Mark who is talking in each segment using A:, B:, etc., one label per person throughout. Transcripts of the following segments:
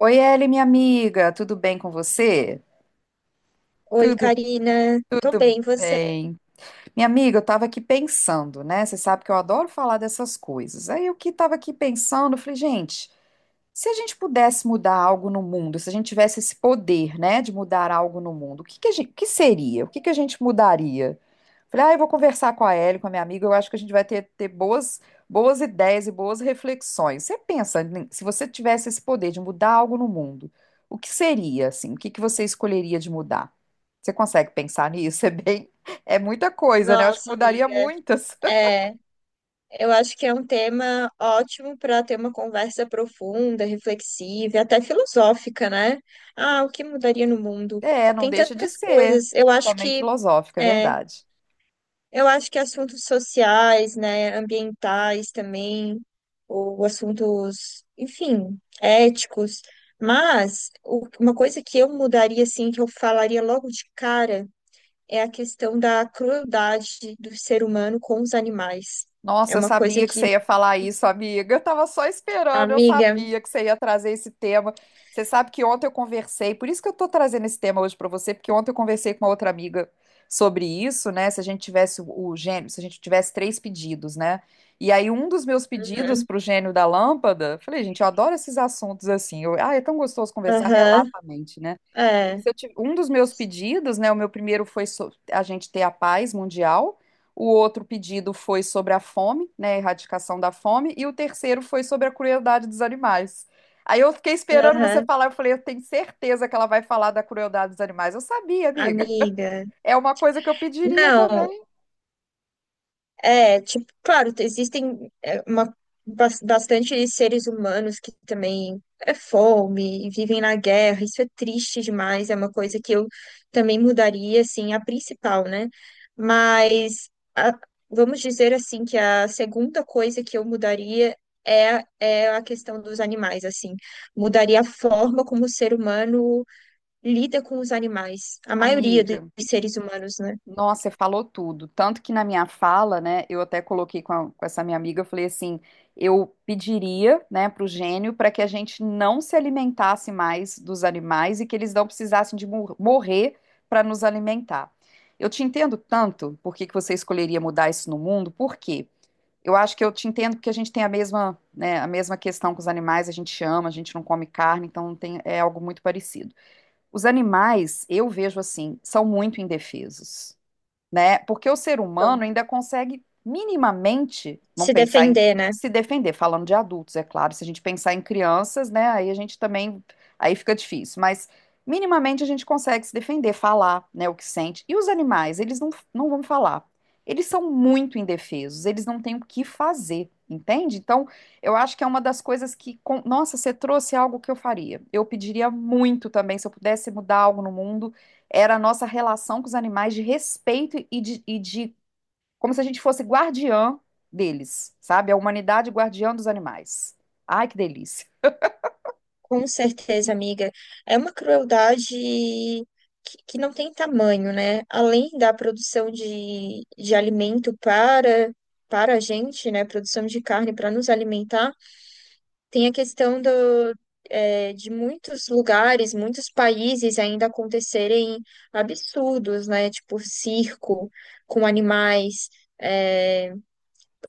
A: Oi, Eli, minha amiga, tudo bem com você?
B: Oi, Karina. Tô bem, e você?
A: Bem. Minha amiga, eu estava aqui pensando, né? Você sabe que eu adoro falar dessas coisas. Aí eu que estava aqui pensando, eu falei, gente, se a gente pudesse mudar algo no mundo, se a gente tivesse esse poder, né, de mudar algo no mundo, o que que a gente, que seria? O que que a gente mudaria? Falei, ah, eu vou conversar com a Ellie, com a minha amiga, eu acho que a gente vai ter boas, boas ideias e boas reflexões. Você pensa, né, se você tivesse esse poder de mudar algo no mundo, o que seria, assim? O que que você escolheria de mudar? Você consegue pensar nisso? É bem, é muita coisa, né? Eu acho que
B: Nossa,
A: mudaria
B: amiga.
A: muitas.
B: É, eu acho que é um tema ótimo para ter uma conversa profunda, reflexiva, e até filosófica, né? Ah, o que mudaria no mundo?
A: É, não
B: Tem
A: deixa de
B: tantas
A: ser.
B: coisas.
A: Também filosófica, é
B: É,
A: verdade.
B: eu acho que assuntos sociais, né, ambientais também, ou assuntos, enfim, éticos. Mas uma coisa que eu mudaria, assim, que eu falaria logo de cara é a questão da crueldade do ser humano com os animais. É
A: Nossa, eu
B: uma coisa
A: sabia que
B: que,
A: você ia falar isso, amiga. Eu tava só esperando, eu
B: amiga.
A: sabia que você ia trazer esse tema. Você sabe que ontem eu conversei, por isso que eu tô trazendo esse tema hoje pra você, porque ontem eu conversei com uma outra amiga sobre isso, né? Se a gente tivesse o gênio, se a gente tivesse três pedidos, né? E aí um dos meus pedidos
B: Uhum,
A: pro gênio da lâmpada, falei, gente, eu adoro esses assuntos assim. Eu, ah, é tão gostoso conversar
B: aham,
A: relaxamente, né?
B: é,
A: se eu tive- Um dos meus pedidos, né? O meu primeiro foi a gente ter a paz mundial, o outro pedido foi sobre a fome, né? A erradicação da fome, e o terceiro foi sobre a crueldade dos animais. Aí eu fiquei esperando você
B: aham,
A: falar, eu falei, eu tenho certeza que ela vai falar da crueldade dos animais. Eu sabia, amiga.
B: amiga.
A: É uma coisa que eu pediria
B: Não,
A: também,
B: é, tipo, claro, existem bastante seres humanos que também é fome, e vivem na guerra. Isso é triste demais, é uma coisa que eu também mudaria, assim, a principal, né? Mas a- vamos dizer assim que a segunda coisa que eu mudaria é a questão dos animais, assim. Mudaria a forma como o ser humano lida com os animais, a maioria dos
A: amiga.
B: seres humanos, né?
A: Nossa, você falou tudo. Tanto que na minha fala, né, eu até coloquei com, com essa minha amiga, eu falei assim, eu pediria, né, para o gênio para que a gente não se alimentasse mais dos animais e que eles não precisassem de morrer para nos alimentar. Eu te entendo tanto por que que você escolheria mudar isso no mundo, por quê? Eu acho que eu te entendo porque a gente tem a mesma, né, a mesma questão com os animais, a gente ama, a gente não come carne, então tem, é algo muito parecido. Os animais, eu vejo assim, são muito indefesos, né? Porque o ser
B: Então,
A: humano ainda consegue minimamente, vamos
B: se
A: pensar em
B: defender, né?
A: se defender, falando de adultos, é claro. Se a gente pensar em crianças, né? Aí a gente também, aí fica difícil. Mas minimamente a gente consegue se defender, falar, né? O que sente. E os animais, eles não, não vão falar. Eles são muito indefesos. Eles não têm o que fazer, entende? Então, eu acho que é uma das coisas que, nossa, você trouxe algo que eu faria. Eu pediria muito também, se eu pudesse mudar algo no mundo era a nossa relação com os animais de respeito e de como se a gente fosse guardiã deles, sabe? A humanidade guardiã dos animais. Ai, que delícia.
B: Com certeza, amiga. É uma crueldade que não tem tamanho, né? Além da produção de alimento para, para a gente, né? Produção de carne para nos alimentar, tem a questão de muitos lugares, muitos países ainda acontecerem absurdos, né? Tipo circo com animais, é,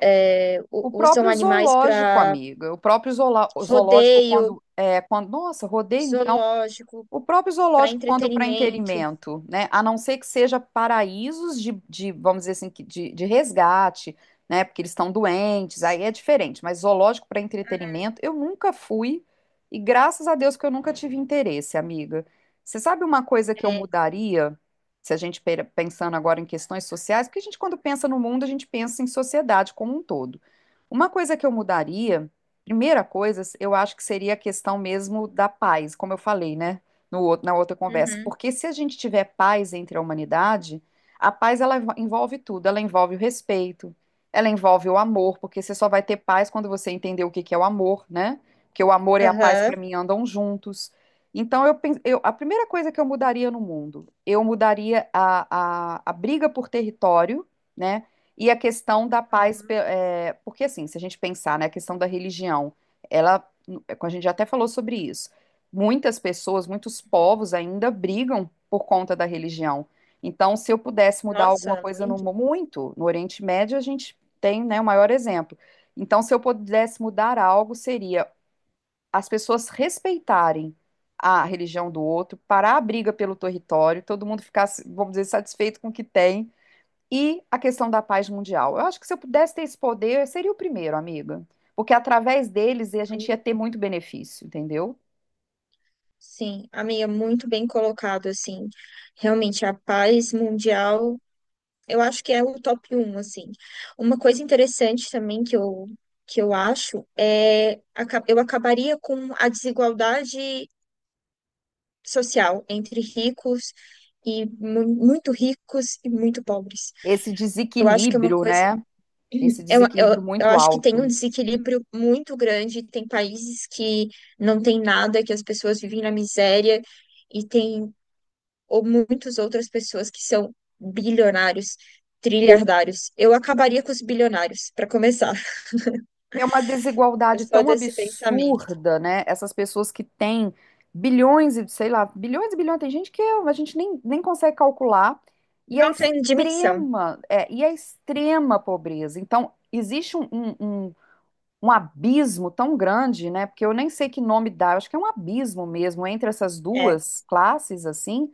A: O
B: usam
A: próprio
B: animais
A: zoológico,
B: para
A: amiga, o próprio zoológico,
B: rodeio,
A: quando, é, quando, nossa, rodei então.
B: zoológico,
A: O próprio
B: para
A: zoológico, quando para
B: entretenimento.
A: inteirimento, né? A não ser que seja paraísos de, vamos dizer assim, que de resgate, né? Porque eles estão doentes, aí é diferente. Mas zoológico para entretenimento, eu nunca fui e graças a Deus que eu nunca tive interesse, amiga. Você sabe uma coisa que eu
B: É,
A: mudaria, se a gente pensando agora em questões sociais, porque a gente quando pensa no mundo, a gente pensa em sociedade como um todo. Uma coisa que eu mudaria, primeira coisa, eu acho que seria a questão mesmo da paz, como eu falei, né? No outro, na outra conversa,
B: uhum,
A: porque se a gente tiver paz entre a humanidade, a paz ela envolve tudo, ela envolve o respeito, ela envolve o amor, porque você só vai ter paz quando você entender o que que é o amor, né? Porque o amor e a paz para
B: aham,
A: mim andam juntos. Então eu a primeira coisa que eu mudaria no mundo, eu mudaria a briga por território, né? E a questão da paz,
B: aham.
A: porque assim, se a gente pensar, né, a questão da religião, ela, a gente já até falou sobre isso. Muitas pessoas, muitos povos ainda brigam por conta da religião. Então, se eu pudesse mudar alguma
B: Nossa,
A: coisa no
B: muito.
A: muito, no Oriente Médio a gente tem, né, o maior exemplo. Então, se eu pudesse mudar algo, seria as pessoas respeitarem a religião do outro, parar a briga pelo território, todo mundo ficasse, vamos dizer, satisfeito com o que tem. E a questão da paz mundial. Eu acho que se eu pudesse ter esse poder, eu seria o primeiro, amiga. Porque através deles a gente
B: Am-,
A: ia ter muito benefício, entendeu?
B: sim, amiga, muito bem colocado, assim. Realmente, a paz mundial, eu acho que é o top um assim. Uma coisa interessante também que eu acho é eu acabaria com a desigualdade social entre ricos muito ricos e muito pobres.
A: Esse
B: Eu acho que é uma
A: desequilíbrio,
B: coisa.
A: né? Esse desequilíbrio
B: Eu
A: muito
B: acho que tem um
A: alto.
B: desequilíbrio muito grande. Tem países que não tem nada, que as pessoas vivem na miséria, e tem ou muitas outras pessoas que são bilionários, trilhardários. Eu acabaria com os bilionários, para começar.
A: É uma
B: Eu
A: desigualdade
B: sou
A: tão
B: desse pensamento.
A: absurda, né? Essas pessoas que têm bilhões e, sei lá, bilhões e bilhões, tem gente que a gente nem, nem consegue calcular, e a
B: Não tem dimensão.
A: extrema, é, e a extrema pobreza. Então, existe um abismo tão grande, né? Porque eu nem sei que nome dá, eu acho que é um abismo mesmo entre essas
B: É,
A: duas classes, assim,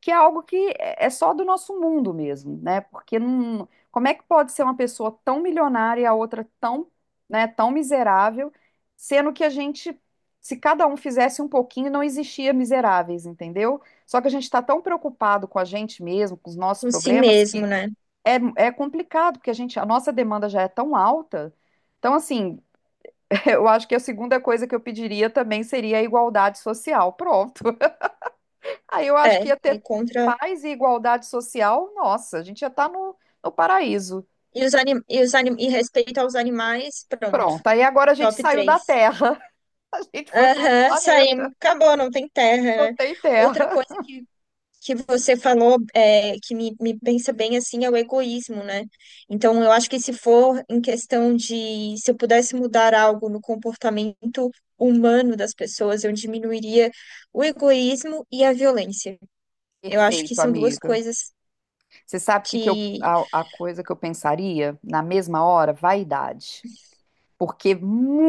A: que é algo que é só do nosso mundo mesmo, né? Porque não, como é que pode ser uma pessoa tão milionária e a outra tão, né, tão miserável, sendo que a gente, se cada um fizesse um pouquinho, não existia miseráveis, entendeu? Só que a gente está tão preocupado com a gente mesmo, com os nossos
B: com si
A: problemas,
B: mesmo,
A: que
B: né?
A: é, é complicado, porque a gente, a nossa demanda já é tão alta. Então, assim, eu acho que a segunda coisa que eu pediria também seria a igualdade social. Pronto. Aí eu acho
B: É,
A: que ia
B: é
A: ter
B: contra.
A: paz e igualdade social. Nossa, a gente ia estar no, no paraíso.
B: E respeito aos animais, pronto.
A: Pronto. Aí agora a gente
B: Top
A: saiu da
B: três.
A: Terra. A gente foi para outro
B: Aham, saímos.
A: planeta.
B: Acabou, não tem
A: Não
B: terra, né?
A: tem Terra.
B: Outra coisa que você falou me pensa bem assim é o egoísmo, né? Então, eu acho que se for em questão de se eu pudesse mudar algo no comportamento humano das pessoas, eu diminuiria o egoísmo e a violência. Eu acho que
A: Perfeito,
B: são duas
A: amiga.
B: coisas
A: Você sabe o que que eu,
B: que
A: a, a coisa que eu pensaria na mesma hora? Vaidade. Porque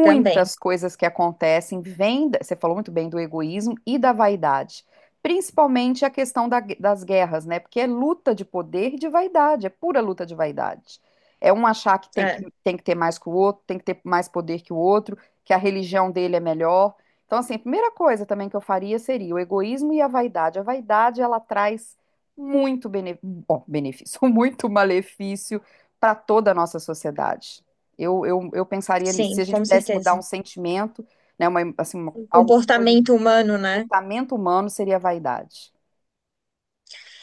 B: também,
A: coisas que acontecem vêm, você falou muito bem do egoísmo e da vaidade, principalmente a questão das guerras, né? Porque é luta de poder e de vaidade, é pura luta de vaidade. É um achar que
B: é,
A: tem que ter mais que o outro, tem que ter mais poder que o outro, que a religião dele é melhor. Então, assim, a primeira coisa também que eu faria seria o egoísmo e a vaidade. A vaidade, ela traz muito benefício, muito malefício para toda a nossa sociedade. Eu pensaria, se
B: sim,
A: a gente
B: com
A: pudesse mudar
B: certeza.
A: um sentimento, né,
B: O
A: algo que
B: comportamento
A: prejudica o
B: humano, né?
A: comportamento humano, seria a vaidade.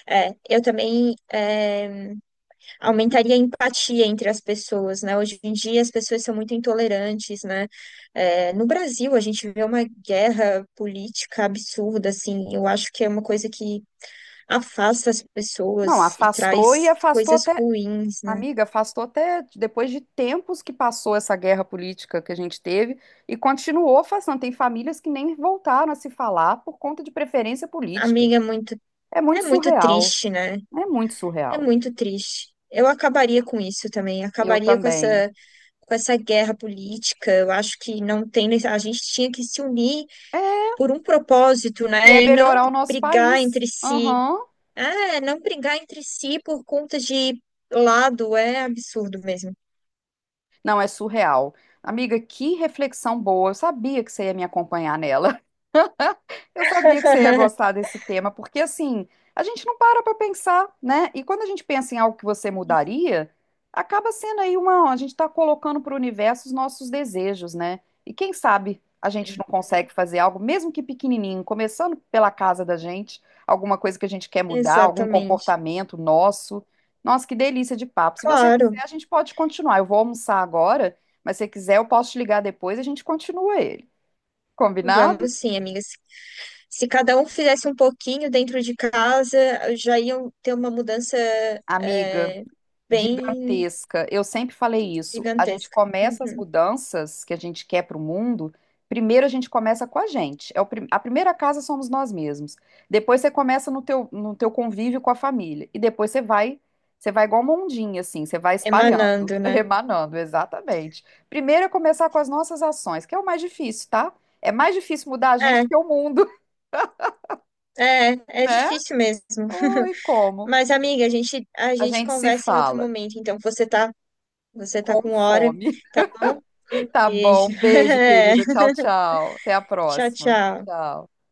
B: É, eu também. É, aumentaria a empatia entre as pessoas, né? Hoje em dia as pessoas são muito intolerantes, né? É, no Brasil a gente vê uma guerra política absurda, assim. Eu acho que é uma coisa que afasta as
A: Não,
B: pessoas e
A: afastou e
B: traz
A: afastou
B: coisas
A: até,
B: ruins, né?
A: amiga, afastou até depois de tempos que passou essa guerra política que a gente teve e continuou afastando. Tem famílias que nem voltaram a se falar por conta de preferência política.
B: Amiga,
A: É
B: é
A: muito
B: muito
A: surreal,
B: triste, né?
A: é muito
B: É
A: surreal.
B: muito triste. Eu acabaria com isso também,
A: Eu
B: acabaria com
A: também.
B: essa, com essa guerra política. Eu acho que não tem, a gente tinha que se unir por um propósito,
A: E é
B: né? E não
A: melhorar o nosso
B: brigar
A: país.
B: entre si.
A: Aham.
B: É, não brigar entre si por conta de lado é absurdo mesmo.
A: Não, é surreal. Amiga, que reflexão boa. Eu sabia que você ia me acompanhar nela. Eu sabia que você ia gostar desse tema, porque assim, a gente não para pensar, né? E quando a gente pensa em algo que você mudaria, acaba sendo aí uma, a gente está colocando para o universo os nossos desejos, né? E quem sabe a gente não consegue fazer algo, mesmo que pequenininho, começando pela casa da gente, alguma coisa que a gente quer mudar, algum
B: Exatamente.
A: comportamento nosso. Nossa, que delícia de papo. Se você quiser,
B: Claro,
A: a gente pode continuar. Eu vou almoçar agora, mas se você quiser, eu posso te ligar depois e a gente continua ele. Combinado?
B: vamos sim, amigas. Se cada um fizesse um pouquinho dentro de casa, já iam ter uma mudança,
A: Amiga,
B: é, bem
A: gigantesca. Eu sempre falei isso. A gente
B: gigantesca.
A: começa as
B: Uhum.
A: mudanças que a gente quer para o mundo. Primeiro a gente começa com a gente. É o a primeira casa somos nós mesmos. Depois você começa no teu convívio com a família. E depois você vai igual uma ondinha, assim, você vai espalhando,
B: Emanando, né?
A: remanando, exatamente. Primeiro é começar com as nossas ações, que é o mais difícil, tá? É mais difícil mudar a gente
B: É,
A: do que o mundo,
B: é
A: né?
B: difícil mesmo.
A: Oi, como?
B: Mas, amiga, a
A: A
B: gente
A: gente se
B: conversa em outro
A: fala
B: momento. Então, você tá
A: com
B: com hora,
A: fome.
B: tá bom? Um
A: Tá bom.
B: beijo.
A: Beijo, querida. Tchau, tchau. Até a
B: Tchau,
A: próxima.
B: tchau.
A: Tchau.